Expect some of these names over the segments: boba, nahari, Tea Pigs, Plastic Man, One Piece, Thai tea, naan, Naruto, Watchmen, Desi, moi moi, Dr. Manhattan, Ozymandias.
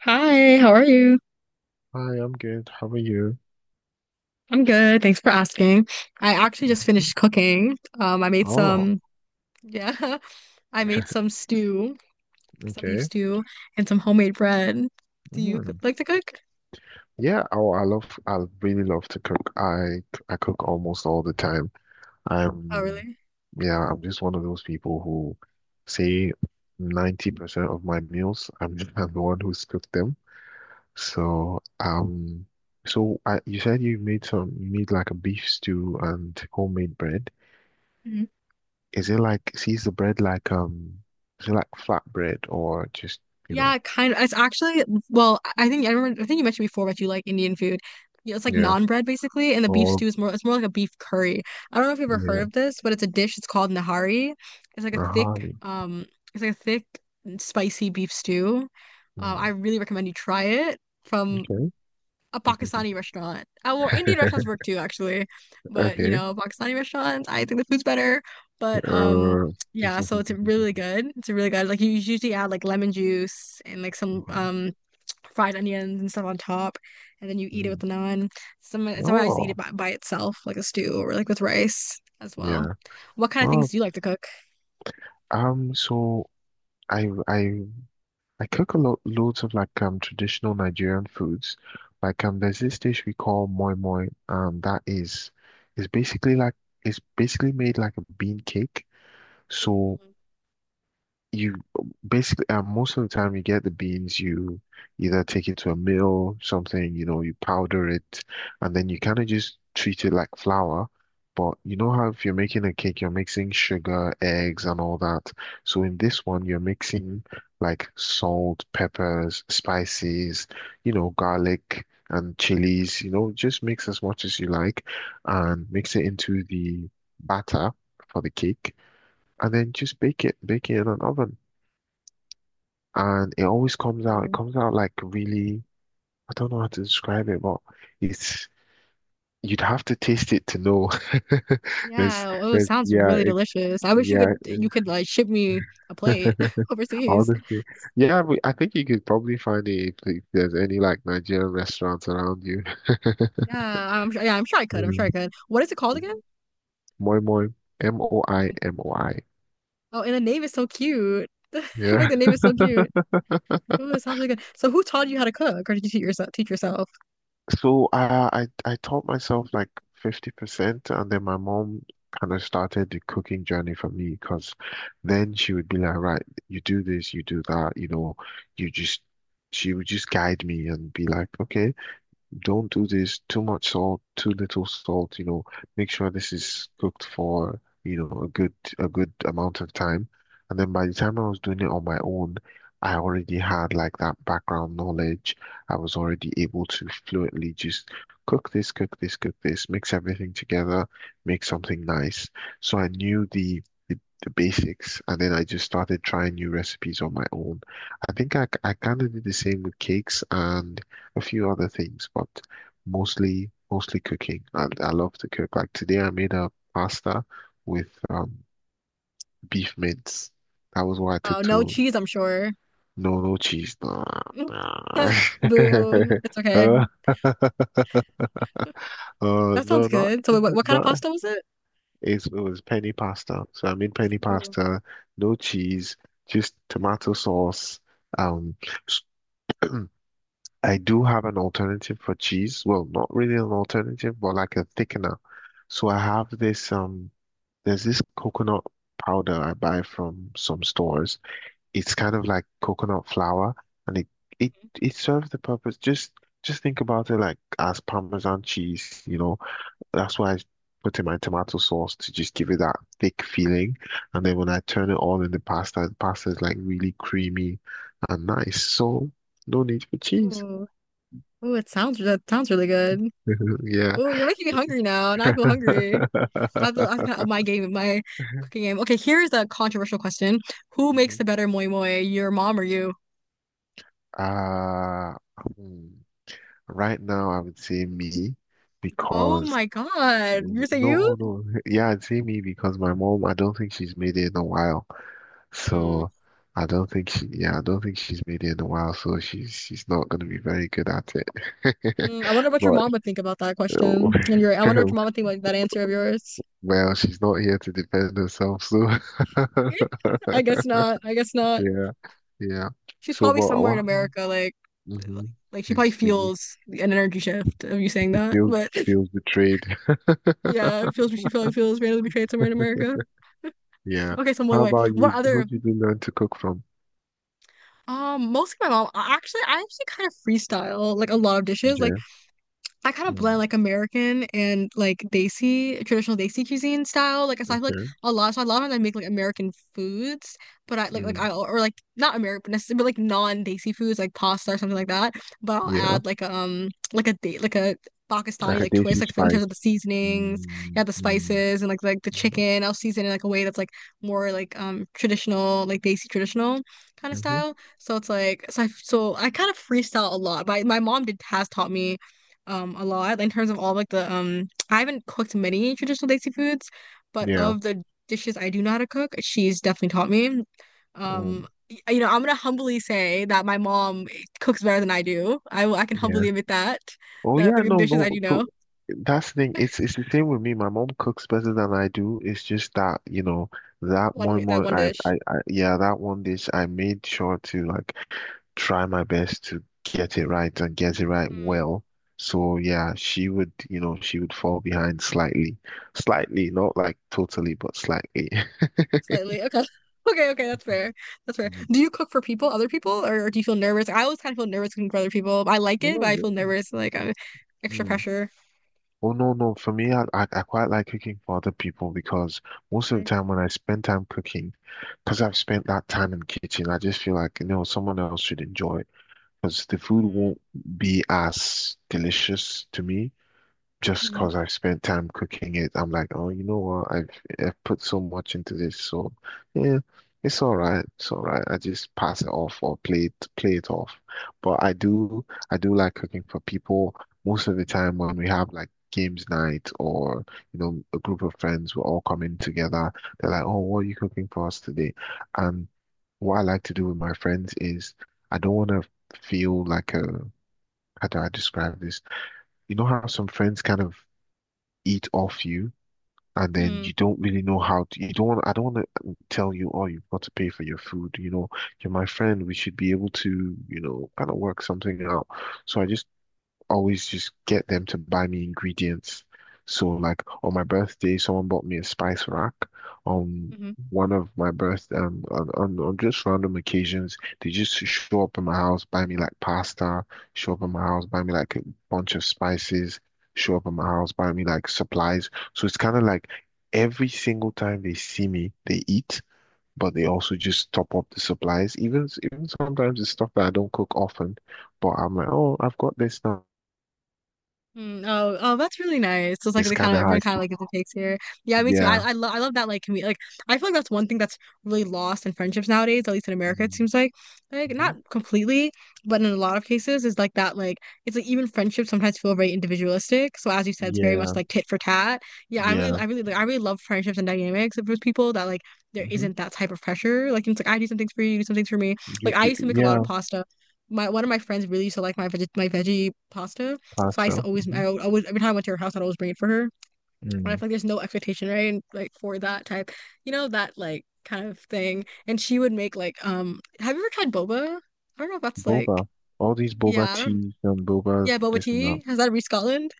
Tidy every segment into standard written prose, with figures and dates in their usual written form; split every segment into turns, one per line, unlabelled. Hi, how are you?
Hi, I'm good. How are you?
I'm good. Thanks for asking. I actually just finished cooking. I made
Oh,
yeah, I made some stew, some beef
okay.
stew, and some homemade bread. Do you
Mm.
like to cook?
Yeah. Oh, I love. I really love to cook. I cook almost all the time.
Oh,
I'm,
really?
yeah. I'm just one of those people who say 90% of my meals, I'm, I'm the one who's cooked them. So um, so I, you said you made some. You made like a beef stew and homemade bread.
Mm-hmm.
Is it like? See, Is the bread like? Is it like flat bread or just you know?
Yeah, kind of. I think I remember. I think you mentioned before that you like Indian food. Yeah, it's like
Yeah.
naan bread basically, and the beef
Or
stew is more. It's more like a beef curry. I don't know if you've ever
Yeah,
heard of this, but it's a dish. It's called nahari. It's like a
Nahali.
it's like a thick, spicy beef stew. I
Mm,
really recommend you try it from
okay.
a Pakistani restaurant. Indian restaurants work too, actually. But you
Okay.
know, Pakistani restaurants, I think the food's better. But
Uh,
yeah, so it's really good. It's really good. Like you usually add like lemon juice and like some fried onions and stuff on top, and then you eat it with
Mhm.
the naan. Some and some I just eat it
Oh,
by itself, like a stew or like with rice as well.
yeah.
What kind of things
Well,
do you like to cook?
so I I I cook a lot loads of like traditional Nigerian foods. Like there's this dish we call moi moi. That is basically like it's basically made like a bean cake. So you basically most of the time you get the beans you either take it to a mill something, you know, you powder it, and then you kind of just treat it like flour. But you know how if you're making a cake, you're mixing sugar, eggs and all that? So in this one, you're mixing like salt, peppers, spices, you know, garlic and chilies, you know, just mix as much as you like, and mix it into the batter for the cake, and then just bake it in an oven. And it always comes out. It
Mhm.
comes out like really, I don't know how to describe it, but it's you'd have to taste it to know. There's,
Yeah, oh, it
there's,
sounds really delicious. I wish you
yeah,
could you
it-
could like ship me a plate overseas.
honestly, yeah. I think you could probably find it if there's any like Nigerian restaurants around you.
Yeah, I'm sure. Yeah, I'm sure I could. I'm sure I
Yeah.
could. What is it called again?
Moi moi, MOIMOI.
Oh, and the name is so cute. I feel like
Yeah.
the name is so cute. Ooh, it sounds really good. So, who taught you how to cook, or did you teach yourself? Teach yourself?
So I taught myself like 50%, and then my mom kind of started the cooking journey for me. Because then she would be like, right, you do this, you do that, you know, you just she would just guide me and be like, okay, don't do this, too much salt, too little salt, you know, make sure this is cooked for, you know, a good amount of time. And then by the time I was doing it on my own, I already had like that background knowledge. I was already able to fluently just cook this, cook this, cook this, mix everything together, make something nice. So I knew the, the basics, and then I just started trying new recipes on my own. I think I kind of did the same with cakes and a few other things, but mostly cooking. And I love to cook. Like today, I made a pasta with beef mince. That was what I took
Oh, no
to
cheese, I'm sure.
no no cheese. Nah, nah.
Boo. It's okay.
Uh, uh, no,
That sounds
not
good. So, what kind of
not.
pasta was it?
It was penny pasta. So I made penny
Ooh,
pasta, no cheese, just
mhm.
tomato sauce. Um, I do have an alternative for cheese. Well, not really an alternative, but like a thickener. So I have this. There's this coconut powder I buy from some stores. It's kind of like coconut flour, and it it serves the purpose. Just think about it like as Parmesan cheese, you know. That's why I put in my tomato sauce to just give it that thick feeling. And then when I turn it all in the pasta is like really creamy and nice. So no need for cheese.
Ooh, ooh! It sounds that sounds really good.
Yeah.
Ooh, you're making me hungry now, and I feel hungry. I have to kind of up my game, my cooking game. Okay, here's a controversial question: Who makes
Mhm.
the better moi moi, your mom or you?
Uh, hmm. Right now, I would say me
Oh
because
my God. You're saying you?
no, no, yeah, I'd say me because my mom, I don't think she's made it in a while.
Hmm.
So I don't think she, yeah, I don't think she's made it in a while. So she's not going to be very good at it.
Hmm, I wonder what your
But
mom would think about that
oh,
question. And your I wonder what your mom would think about that answer of yours.
well, she's not here to defend herself. So
I guess not. I guess not.
yeah, yeah.
She's
So,
probably
but
somewhere in
what?
America, like,
Mm-hmm.
like she probably
He
feels an energy shift of you saying that.
feels
But
feels betrayed.
yeah, it feels she probably feels randomly betrayed somewhere in America.
Yeah.
Okay, so wait,
How
wait.
about
What
you? Who
other?
did you learn to cook from?
Mostly my mom. Actually, I actually kind of freestyle like a lot of dishes. Like.
Okay.
I kind of blend
Mm,
like American and like Desi, traditional Desi cuisine style. Like so I feel like
okay.
so a lot of times I make like American foods, but I like I
Mm,
or like not American necessarily, but like non-Desi foods like pasta or something like that. But I'll
yeah.
add like a date like a
Like
Pakistani
a
like twist
Daisy
like in
spice.
terms of the seasonings,
Mm,
yeah, the
mm,
spices and like the chicken. I'll season it like a way that's like more like traditional like Desi traditional kind of
mm-hmm.
style. So it's like I kind of freestyle a lot. My mom did has taught me a lot in terms of all like the I haven't cooked many traditional Desi foods, but
Yeah.
of the dishes I do know how to cook, she's definitely taught me.
Mm,
You know, I'm gonna humbly say that my mom cooks better than I do. I can
yeah.
humbly admit that
Oh
that
yeah,
the
no,
dishes I
no.
do
So
know,
that's the thing. It's the same with me. My mom cooks better than I do. It's just that, you know, that moi
one that
moi
one
I,
dish.
I, I yeah, that one dish I made sure to like try my best to get it right and get it right
Mm.
well. So yeah, she would, you know, she would fall behind slightly. Slightly, not like totally, but slightly.
Slightly. Okay. Okay, okay, that's fair. That's fair.
Mm.
Do you cook for people, other people, or do you feel nervous? I always kind of feel nervous cooking for other people. I like it,
Oh,
but I feel
really?
nervous, like extra
Mm.
pressure.
Oh no, no. For me, I quite like cooking for other people, because most of the
Really?
time when I spend time cooking, because I've spent that time in the kitchen, I just feel like, you know, someone else should enjoy it, because the food
Mm.
won't be as delicious to me just because I've spent time cooking it. I'm like, oh, you know what? I've put so much into this, so yeah, it's all right. It's all right. I just pass it off or play it off. But I do like cooking for people. Most of the time when we have like games night or you know a group of friends, we're all coming together. They're like, oh, what are you cooking for us today? And what I like to do with my friends is I don't want to feel like a how do I describe this? You know how some friends kind of eat off you, and then
Mm-hmm.
you don't really know how to, you don't want, I don't want to tell you, oh, you've got to pay for your food. You know, you're my friend. We should be able to, you know, kind of work something out. So I just always just get them to buy me ingredients. So like on my birthday, someone bought me a spice rack. On
Hmm.
one of my birth on just random occasions, they just show up in my house, buy me like pasta, show up in my house, buy me like a bunch of spices, show up in my house, buy me like supplies. So it's kind of like every single time they see me, they eat. But they also just top up the supplies, even even sometimes it's stuff that I don't cook often. But I'm like, oh, I've got this now.
Oh, oh, that's really nice. So it's like
It's
the kind
kind
of
of how
everyone
I
kind of
keep,
like gives and takes here. Yeah, me too.
yeah,
I love that like. I feel like that's one thing that's really lost in friendships nowadays, at least in America, it
hmm
seems like not
hmm
completely, but in a lot of cases is like that like it's like even friendships sometimes feel very individualistic. So as you said, it's very
yeah,
much like tit for tat. Yeah,
yeah,
I really like, I really love friendships and dynamics with people that like there
hmm
isn't that type of pressure. Like it's like I do some things for you, you do some things for me.
You
Like I
do,
used to make a lot of
yeah,
pasta. My one of my friends really used to like my veggie pasta. So I used to
pasta, hmm
I always, every time I went to her house, I'd always bring it for her. And I
mm.
feel like there's no expectation, right? And like for that type, you know, that like kind of thing. And she would make have you ever tried boba? I don't know if that's like,
Boba, all these boba
yeah, I don't,
teas and boba
yeah, boba
this and that.
tea. Has that reached Scotland?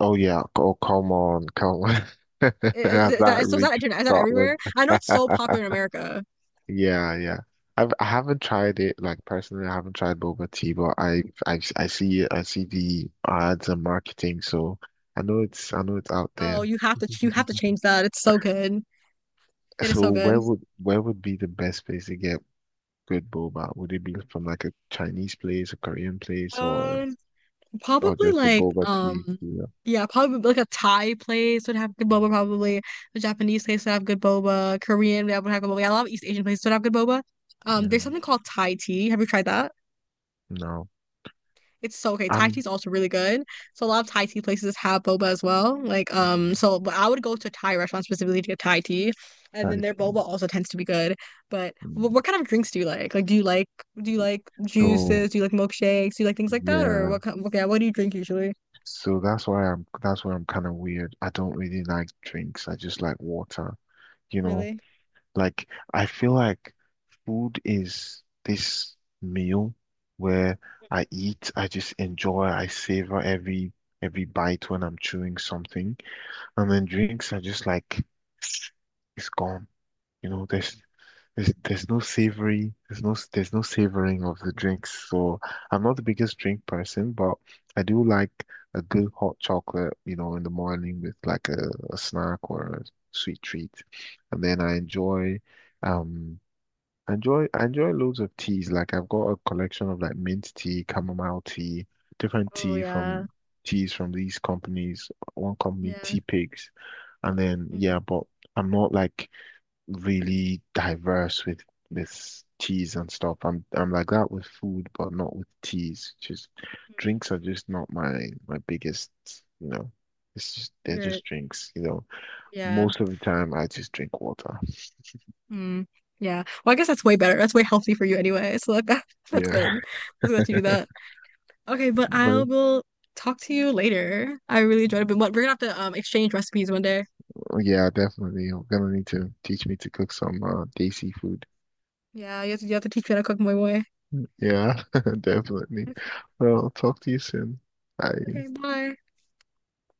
Oh yeah, oh come on, come on, that
Is that
reached
internet? Is that everywhere?
Scotland?
I know it's so popular in America.
Yeah, yeah. I haven't tried it like personally. I haven't tried boba tea, but I see it. I see the ads and marketing, so I know it's out there.
Oh, you have to change that. It's so good. It is
So
so good.
where would be the best place to get good boba? Would it be from like a Chinese place, a Korean place,
Um,
or
Probably
just a
like
boba tea? Yeah.
yeah, probably like a Thai place would have good boba probably. A Japanese place would have good boba. Korean that would have good boba. Yeah, a lot of East Asian places would have good boba. There's
Mm,
something called Thai tea. Have you tried that?
no,
It's so okay. Thai tea
I'm
is also really good. So a lot of Thai tea places have boba as well. Like
mm,
but I would go to a Thai restaurant specifically to get Thai tea. And then
Thai
their boba
tea.
also tends to be good. But
Mm.
what kind of drinks do you like? Like do you like
So
juices? Do you like milkshakes? Do you like things like that? Or
yeah,
what kind, okay, what do you drink usually?
so that's why I'm kind of weird. I don't really like drinks. I just like water, you know.
Really?
Like, I feel like food is this meal where I eat, I just enjoy, I savor every bite when I'm chewing something. And then drinks are just like it's gone. You know, there's no savory, there's no savoring of the drinks. So I'm not the biggest drink person, but I do like a good hot chocolate, you know, in the morning with like a snack or a sweet treat. And then um I enjoy loads of teas. Like I've got a collection of like mint tea, chamomile tea, different
Oh
tea
yeah,
from teas from these companies. One company,
yeah.
Tea Pigs, and then
Mm-hmm.
yeah, but I'm not like really diverse with this teas and stuff. I'm like that with food, but not with teas. Just
Mm-hmm.
drinks are just not my my biggest, you know. It's just they're
You're
just drinks, you know.
yeah.
Most of the time, I just drink water.
Mm, yeah. Well, I guess that's way better. That's way healthy for you anyway. So like that, that's
Yeah.
good. Let's let you do that. Okay, but I
But
will talk to you later. I really enjoyed it, but we're gonna have to exchange recipes one day.
yeah, definitely. I'm gonna need to teach me to cook some desi food.
Yeah, you have to teach me how to cook moi moi.
Yeah, definitely.
Okay.
Well, talk to you soon. Bye.
Okay, bye.